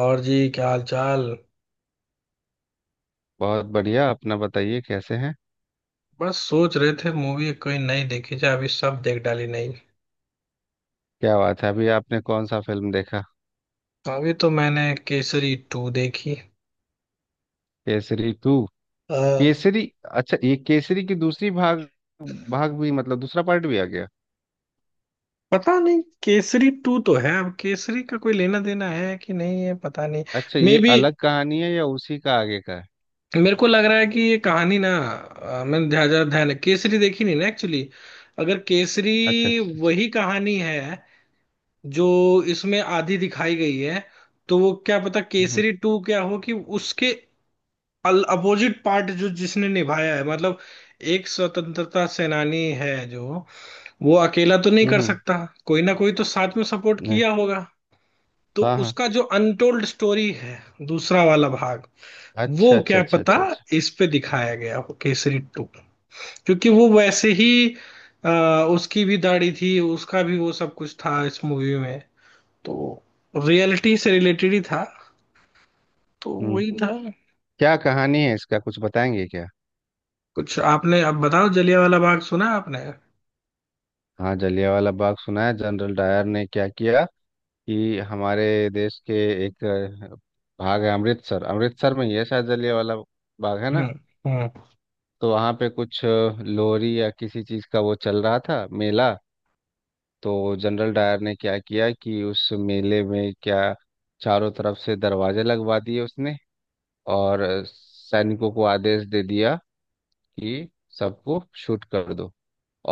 और जी, क्या हाल चाल। बहुत बढ़िया। अपना बताइए कैसे हैं। बस सोच रहे थे, मूवी कोई नई देखी जाए। अभी सब देख डाली नहीं। क्या बात है, अभी आपने कौन सा फिल्म देखा? अभी तो मैंने केसरी टू देखी। केसरी टू। अ, केसरी। अच्छा, ये केसरी की दूसरी भाग, भाग भी मतलब दूसरा पार्ट भी आ गया? पता नहीं, केसरी टू तो है, अब केसरी का कोई लेना देना है कि नहीं है पता नहीं। अच्छा, मे ये बी अलग कहानी है या उसी का आगे का है? मेरे को लग रहा है कि ये कहानी ना मैंने ध्यान ध्यान- ध्यान- केसरी देखी नहीं ना एक्चुअली। अगर केसरी अच्छा अच्छा अच्छा। वही कहानी है जो इसमें आधी दिखाई गई है, तो वो क्या पता हम्म केसरी टू क्या हो, कि उसके अपोजिट पार्ट जो जिसने निभाया है, मतलब एक स्वतंत्रता सेनानी है जो, वो अकेला तो नहीं कर हम्म। सकता, कोई ना कोई तो साथ में सपोर्ट नहीं। किया होगा। तो हाँ हाँ। उसका जो अनटोल्ड स्टोरी है, दूसरा वाला भाग, वो अच्छा अच्छा क्या अच्छा पता अच्छा अच्छा। इस पे दिखाया गया हो केसरी टू। क्योंकि वो वैसे ही उसकी भी दाढ़ी थी, उसका भी वो सब कुछ था इस मूवी में। तो रियलिटी से रिलेटेड ही था, तो हम्म। वही था। क्या कहानी है, इसका कुछ बताएंगे क्या? कुछ आपने अब बताओ, जलियांवाला बाग सुना है आपने? हाँ, जलियांवाला बाग सुना है। जनरल डायर ने क्या किया कि हमारे देश के एक भाग है अमृतसर, अमृतसर में ही है शायद जलियांवाला बाग है हम्म। ना। हम्म। तो वहाँ पे कुछ लोहरी या किसी चीज़ का वो चल रहा था मेला। तो जनरल डायर ने क्या किया कि उस मेले में क्या, चारों तरफ से दरवाजे लगवा दिए उसने, और सैनिकों को आदेश दे दिया कि सबको शूट कर दो।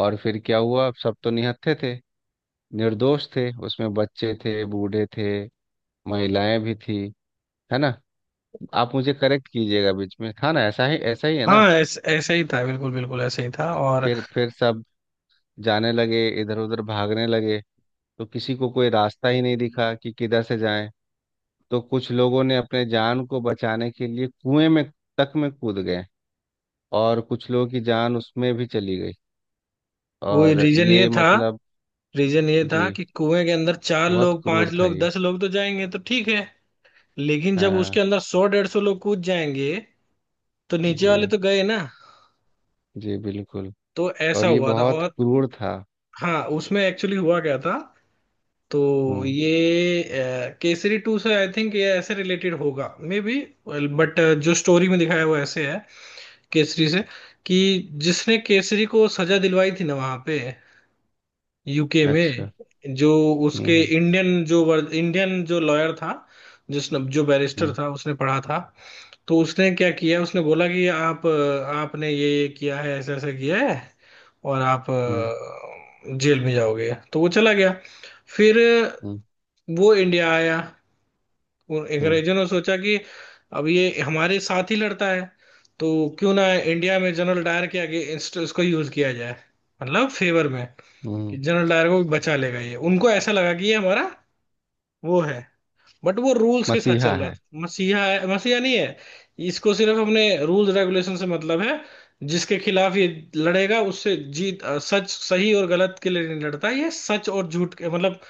और फिर क्या हुआ, सब तो निहत्थे थे, निर्दोष थे। उसमें बच्चे थे, बूढ़े थे, महिलाएं भी थी। है ना? आप मुझे करेक्ट कीजिएगा बीच में। हाँ ना, ऐसा ही है ना? हाँ, ऐसे ही था, बिल्कुल बिल्कुल ऐसे ही था। और फिर सब जाने लगे, इधर उधर भागने लगे। तो किसी को कोई रास्ता ही नहीं दिखा कि किधर से जाएं। तो कुछ लोगों ने अपने जान को बचाने के लिए कुएं में तक में कूद गए, और कुछ लोगों की जान उसमें भी चली गई। वो और ये मतलब, रीजन ये था जी, कि कुएं के अंदर चार बहुत लोग पांच क्रूर था लोग ये। 10 लोग तो जाएंगे तो ठीक है, लेकिन जब उसके हाँ अंदर 100, 150 लोग कूद जाएंगे, तो नीचे वाले जी। तो गए ना। जी बिल्कुल। तो ऐसा और ये हुआ था। बहुत और क्रूर था। हाँ, उसमें एक्चुअली हुआ क्या था। तो हम्म। ये केसरी टू से आई थिंक ये ऐसे रिलेटेड होगा मे बी। बट जो स्टोरी में दिखाया है वो ऐसे है केसरी से, कि जिसने केसरी को सजा दिलवाई थी ना वहां पे यूके अच्छा। में जो, उसके हम्म इंडियन जो इंडियन जो लॉयर था, जिसने जो बैरिस्टर हम्म था उसने पढ़ा था। तो उसने क्या किया, उसने बोला कि आप आपने ये किया है, ऐसा ऐसा किया है, और आप हम्म जेल में जाओगे। तो वो चला गया। फिर हम्म वो इंडिया आया, उन हम्म अंग्रेजों ने सोचा कि अब ये हमारे साथ ही लड़ता है, तो क्यों ना इंडिया में जनरल डायर के आगे इसको यूज किया जाए, मतलब फेवर में। हम्म कि हम्म। जनरल डायर को बचा लेगा ये, उनको ऐसा लगा कि ये हमारा वो है। बट वो रूल्स के साथ मसीहा चल रहा है। था, मसीहा है मसीहा नहीं है, इसको सिर्फ हमने रूल्स रेगुलेशन से मतलब है। जिसके खिलाफ ये लड़ेगा उससे जीत, सच, सही और गलत के लिए नहीं लड़ता ये, सच और झूठ के मतलब,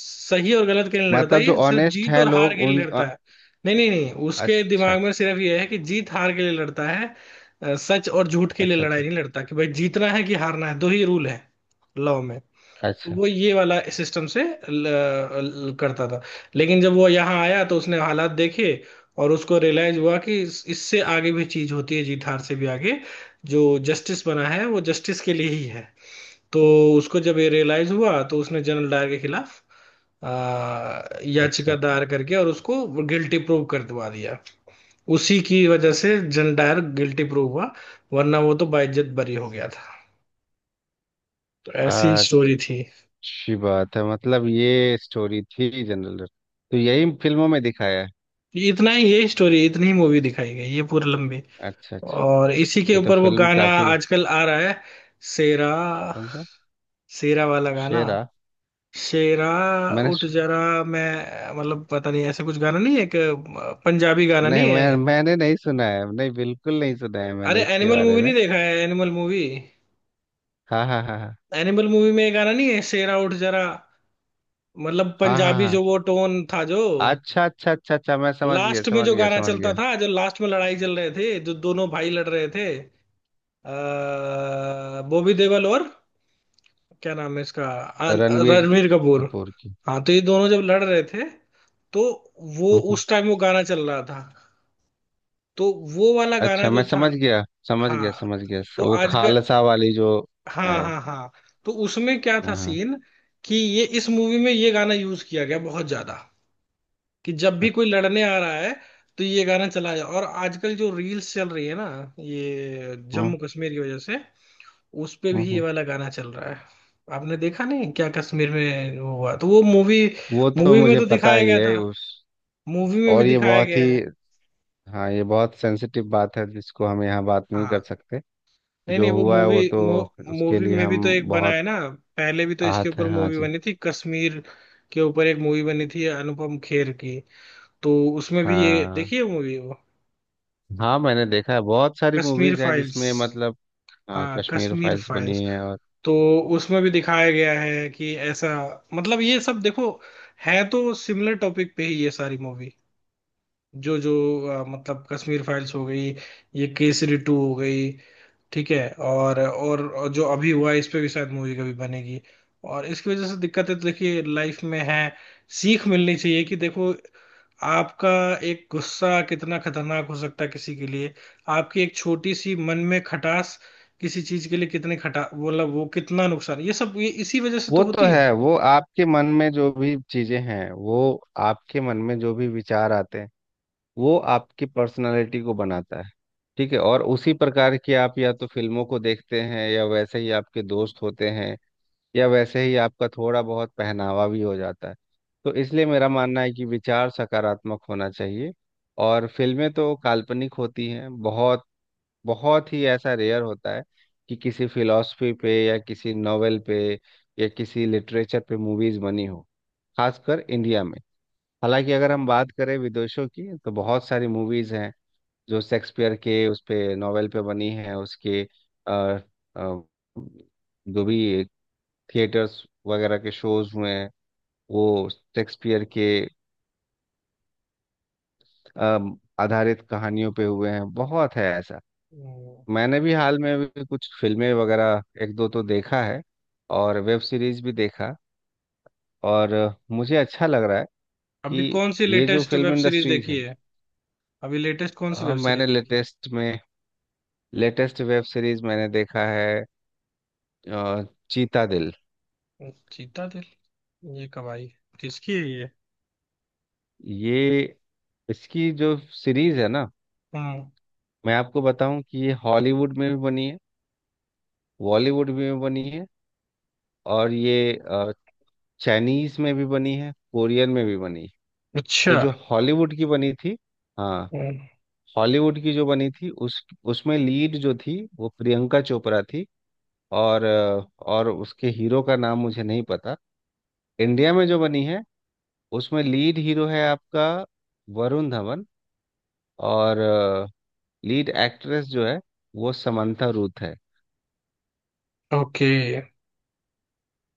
सही और गलत के लिए नहीं लड़ता मतलब जो ये, सिर्फ ऑनेस्ट जीत हैं और हार लोग, के लिए लड़ता है। नहीं नहीं नहीं, उसके अच्छा दिमाग में सिर्फ ये है कि जीत हार के लिए लड़ता है। सच और झूठ के लिए अच्छा लड़ाई अच्छा नहीं लड़ता, कि भाई जीतना है कि हारना है, दो ही रूल है लॉ में। तो अच्छा वो ये वाला सिस्टम से ल, ल, करता था। लेकिन जब वो यहाँ आया तो उसने हालात देखे, और उसको रियलाइज हुआ कि इससे आगे भी चीज होती है, जीत हार से भी आगे। जो जस्टिस बना है वो जस्टिस के लिए ही है। तो उसको जब ये रियलाइज हुआ, तो उसने जनरल डायर के खिलाफ आ, याचिका अच्छा। दायर करके और उसको गिल्टी प्रूव कर दवा दिया। उसी की वजह से जनरल डायर गिल्टी प्रूव हुआ, वरना वो तो बाइज्जत बरी हो गया था। तो ऐसी स्टोरी थी। अच्छी बात है। मतलब ये स्टोरी थी जनरल, तो यही फिल्मों में दिखाया है। इतना ही, ये स्टोरी इतनी ही मूवी दिखाई गई, ये पूरी लंबी। अच्छा अच्छा। और इसी के ये तो ऊपर वो फिल्म गाना काफी। आजकल आ रहा है, शेरा। कौन सा? शेरा वाला गाना, शेरा? शेरा मैंने उठ सु- जरा। मैं, मतलब पता नहीं, ऐसा कुछ गाना नहीं है, एक पंजाबी गाना नहीं, नहीं है? मैंने नहीं सुना है, नहीं, बिल्कुल नहीं सुना है मैंने अरे इसके एनिमल बारे मूवी में। नहीं देखा है, एनिमल मूवी? हाँ हाँ हाँ हाँ एनिमल मूवी में ये गाना नहीं है, शेरा उठ जरा? मतलब हाँ हाँ पंजाबी हाँ। जो वो टोन था, जो अच्छा अच्छा अच्छा अच्छा, मैं समझ गया लास्ट में समझ जो गया गाना समझ चलता गया। था, जो लास्ट में लड़ाई चल रहे थे, जो दोनों भाई लड़ रहे थे, बॉबी देओल और क्या नाम है इसका, अन- रणवीर रणवीर कपूर। कपूर की। हाँ, तो ये दोनों जब लड़ रहे थे, तो वो हम्म, हम्म। उस टाइम वो गाना चल रहा था। तो वो वाला गाना अच्छा, मैं जो था। समझ गया समझ हाँ, गया समझ गया, तो वो आज का, खालसा वाली जो है। हाँ हाँ हाँ। तो उसमें क्या था हाँ हाँ। सीन, कि ये इस मूवी में ये गाना यूज किया गया बहुत ज्यादा, कि जब भी कोई लड़ने आ रहा है, तो ये गाना चला जाए। और आजकल जो रील्स चल रही है ना, ये हम्म, जम्मू कश्मीर की वजह से, उस पे हम्म, भी ये हम्म। वाला गाना चल रहा है। आपने देखा नहीं क्या, कश्मीर में वो हुआ, तो वो मूवी, वो तो मूवी में मुझे तो पता दिखाया ही गया है था, उस। मूवी में भी और ये दिखाया बहुत गया ही, है। हाँ, ये बहुत सेंसिटिव बात है जिसको हम यहाँ बात नहीं कर हाँ, सकते। नहीं जो नहीं, वो हुआ है वो मूवी, तो, उसके मूवी लिए में भी हम तो एक बना बहुत है ना, पहले भी तो इसके आहत ऊपर हैं। हाँ मूवी जी। बनी थी, कश्मीर के ऊपर एक मूवी बनी थी अनुपम खेर की। तो उसमें भी ये हाँ देखिए मूवी वो, हाँ, मैंने देखा है, बहुत सारी कश्मीर मूवीज हैं फाइल्स। जिसमें मतलब। हाँ, हाँ, कश्मीर कश्मीर फाइल्स फाइल्स। बनी है, और तो उसमें भी दिखाया गया है कि ऐसा, मतलब ये सब देखो, है तो सिमिलर टॉपिक पे ही ये सारी मूवी। जो जो मतलब कश्मीर फाइल्स हो गई, ये केसरी टू हो गई, ठीक है, और जो अभी हुआ है, इस पे भी शायद मूवी कभी बनेगी। और इसकी वजह से दिक्कतें तो देखिए लाइफ में है, सीख मिलनी चाहिए कि देखो, आपका एक गुस्सा कितना खतरनाक हो सकता है किसी के लिए, आपकी एक छोटी सी मन में खटास किसी चीज के लिए कितने खटा, मतलब वो कितना नुकसान, ये सब ये इसी वजह से वो तो तो होती है। है। वो आपके मन में जो भी चीजें हैं, वो आपके मन में जो भी विचार आते हैं, वो आपकी पर्सनालिटी को बनाता है। ठीक है? और उसी प्रकार की आप या तो फिल्मों को देखते हैं, या वैसे ही आपके दोस्त होते हैं, या वैसे ही आपका थोड़ा बहुत पहनावा भी हो जाता है। तो इसलिए मेरा मानना है कि विचार सकारात्मक होना चाहिए। और फिल्में तो काल्पनिक होती हैं बहुत। बहुत ही ऐसा रेयर होता है कि किसी फिलॉसफी पे, या किसी नॉवेल पे, या किसी लिटरेचर पे मूवीज बनी हो, खासकर इंडिया में। हालांकि अगर हम बात करें विदेशों की, तो बहुत सारी मूवीज हैं जो शेक्सपियर के उस पे नॉवेल पे बनी है। उसके अ, अ, जो भी थिएटर्स वगैरह के शोज हुए हैं, वो शेक्सपियर के आधारित कहानियों पे हुए हैं। बहुत है ऐसा। हम्म। मैंने भी हाल में भी कुछ फिल्में वगैरह एक दो तो देखा है, और वेब सीरीज भी देखा। और मुझे अच्छा लग रहा है अभी कि कौन सी ये जो latest film web series industries देखी है। है? अभी लेटेस्ट कौन सी वेब सीरीज मैंने देखी लेटेस्ट में, लेटेस्ट वेब सीरीज मैंने देखा है अ, चीता दिल। है? चीता दिल? ये कब आई? किसकी है ये? ये, इसकी जो सीरीज है ना, हम्म। मैं आपको बताऊं कि ये हॉलीवुड में भी बनी है, बॉलीवुड में भी बनी है, और ये चाइनीज में भी बनी है, कोरियन में भी बनी है। अच्छा। तो जो हॉलीवुड की बनी थी, हाँ, हम्म। हॉलीवुड की जो बनी थी, उस उसमें लीड जो थी वो प्रियंका चोपड़ा थी, और और उसके हीरो का नाम मुझे नहीं पता। इंडिया में जो बनी है, उसमें लीड हीरो है आपका वरुण धवन, और लीड एक्ट्रेस जो है वो समंथा रूथ है। ओके।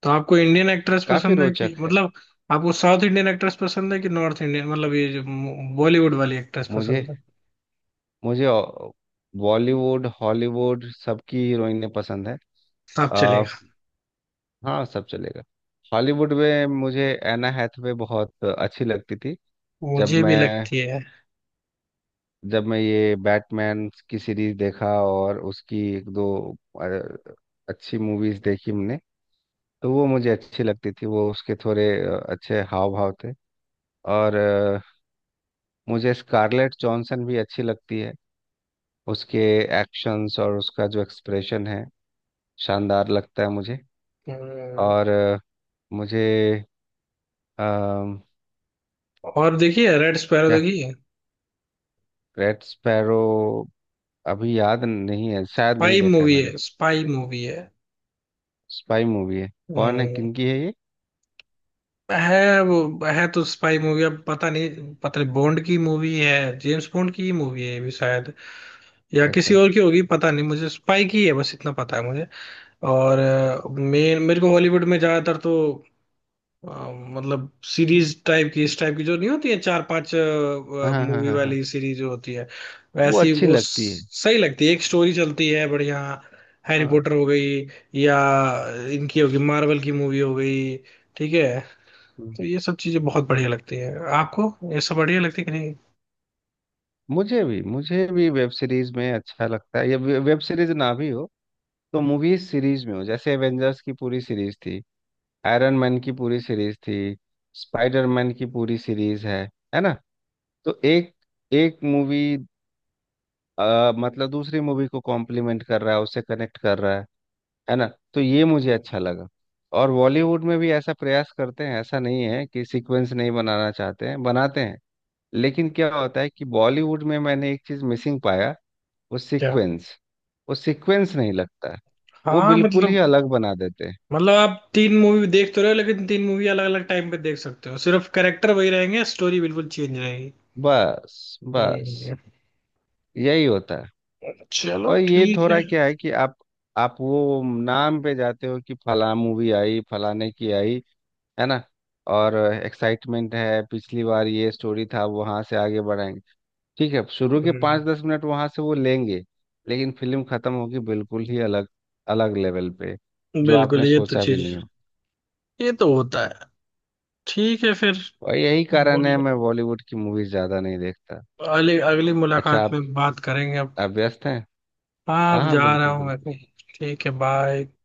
तो आपको इंडियन एक्ट्रेस काफी पसंद है कि रोचक है। मतलब, आपको साउथ इंडियन एक्ट्रेस पसंद है कि नॉर्थ इंडियन मतलब ये जो बॉलीवुड वाली एक्ट्रेस मुझे पसंद है? मुझे बॉलीवुड हॉलीवुड सबकी हीरोइनें पसंद है। आप आ, चलेगा? हाँ, सब चलेगा। हॉलीवुड में मुझे एना हैथवे बहुत अच्छी लगती थी। जब मुझे भी मैं, लगती है। जब मैं ये बैटमैन की सीरीज देखा और उसकी एक दो अ, अच्छी मूवीज देखी हमने, तो वो मुझे अच्छी लगती थी। वो उसके थोड़े अच्छे हाव भाव थे। और मुझे स्कारलेट जॉनसन भी अच्छी लगती है। उसके एक्शंस और उसका जो एक्सप्रेशन है, शानदार लगता है मुझे। हम्म। और मुझे अम, और देखिए रेड स्पैरो क्या? देखिए। Red sparrow? अभी याद नहीं है, शायद नहीं स्पाई देखा है मूवी मैंने। है, स्पाई मूवी है। स्पाई मूवी है? कौन है, हम्म। किनकी है ये? है वो, है तो स्पाई मूवी, अब पता नहीं, पता नहीं, बॉन्ड की मूवी है, जेम्स बॉन्ड की ही मूवी है ये भी शायद, या किसी अच्छा। और की होगी पता नहीं, मुझे स्पाई की है बस इतना पता है मुझे। और मेन, मेरे को हॉलीवुड में ज्यादातर तो मतलब सीरीज टाइप की, इस टाइप की जो नहीं होती है, चार पांच हाँ हाँ हाँ मूवी हाँ हाँ। वाली सीरीज जो होती है वो वैसी, अच्छी वो लगती है। सही लगती है, एक स्टोरी चलती है बढ़िया। हैरी हाँ। पॉटर हो गई, या इनकी हो गई, मार्वल की मूवी हो गई, ठीक है। हम्म। तो ये सब चीजें बहुत बढ़िया लगती है। आपको ये सब बढ़िया लगती है कि नहीं? मुझे भी, मुझे भी वेब सीरीज में अच्छा लगता है। ये वेब सीरीज ना भी हो तो मूवी सीरीज में हो, जैसे एवेंजर्स की पूरी सीरीज थी, आयरन मैन की पूरी सीरीज थी, स्पाइडरमैन की पूरी सीरीज है। है ना? तो एक एक मूवी मतलब दूसरी मूवी को कॉम्प्लीमेंट कर रहा है, उससे कनेक्ट कर रहा है। है ना? तो ये मुझे अच्छा लगा। और बॉलीवुड में भी ऐसा प्रयास करते हैं, ऐसा नहीं है कि सीक्वेंस नहीं बनाना चाहते हैं, बनाते हैं। लेकिन क्या होता है कि बॉलीवुड में मैंने एक चीज मिसिंग पाया। वो क्या? सीक्वेंस, वो सीक्वेंस नहीं लगता है। वो हाँ बिल्कुल ही मतलब, अलग बना देते हैं। मतलब आप तीन मूवी देख तो रहे हो, लेकिन तीन मूवी अलग अलग टाइम पे देख सकते हो, सिर्फ कैरेक्टर वही रहेंगे, स्टोरी बिल्कुल चेंज रहेगी। बस बस हम्म। यही होता है। चलो, और ये ठीक है। थोड़ा क्या है कि आप वो नाम पे जाते हो कि फला मूवी आई, फलाने की आई। है ना? और एक्साइटमेंट है, पिछली बार ये स्टोरी था, वहां से आगे बढ़ाएंगे, ठीक है, शुरू के हम्म। 5 10 मिनट वहां से वो लेंगे, लेकिन फिल्म खत्म होगी बिल्कुल ही अलग, अलग लेवल पे, जो आपने बिल्कुल, ये तो सोचा भी चीज, नहीं हो। ये तो होता है। ठीक है फिर। और यही कारण बोल, है मैं बॉलीवुड की मूवीज ज्यादा नहीं देखता। अगली अगली अच्छा, मुलाकात आप में बात करेंगे अब। आप व्यस्त हैं? हाँ, हाँ अब हाँ, जा रहा बिल्कुल हूँ मैं बिल्कुल। कहीं। ठीक है, बाय।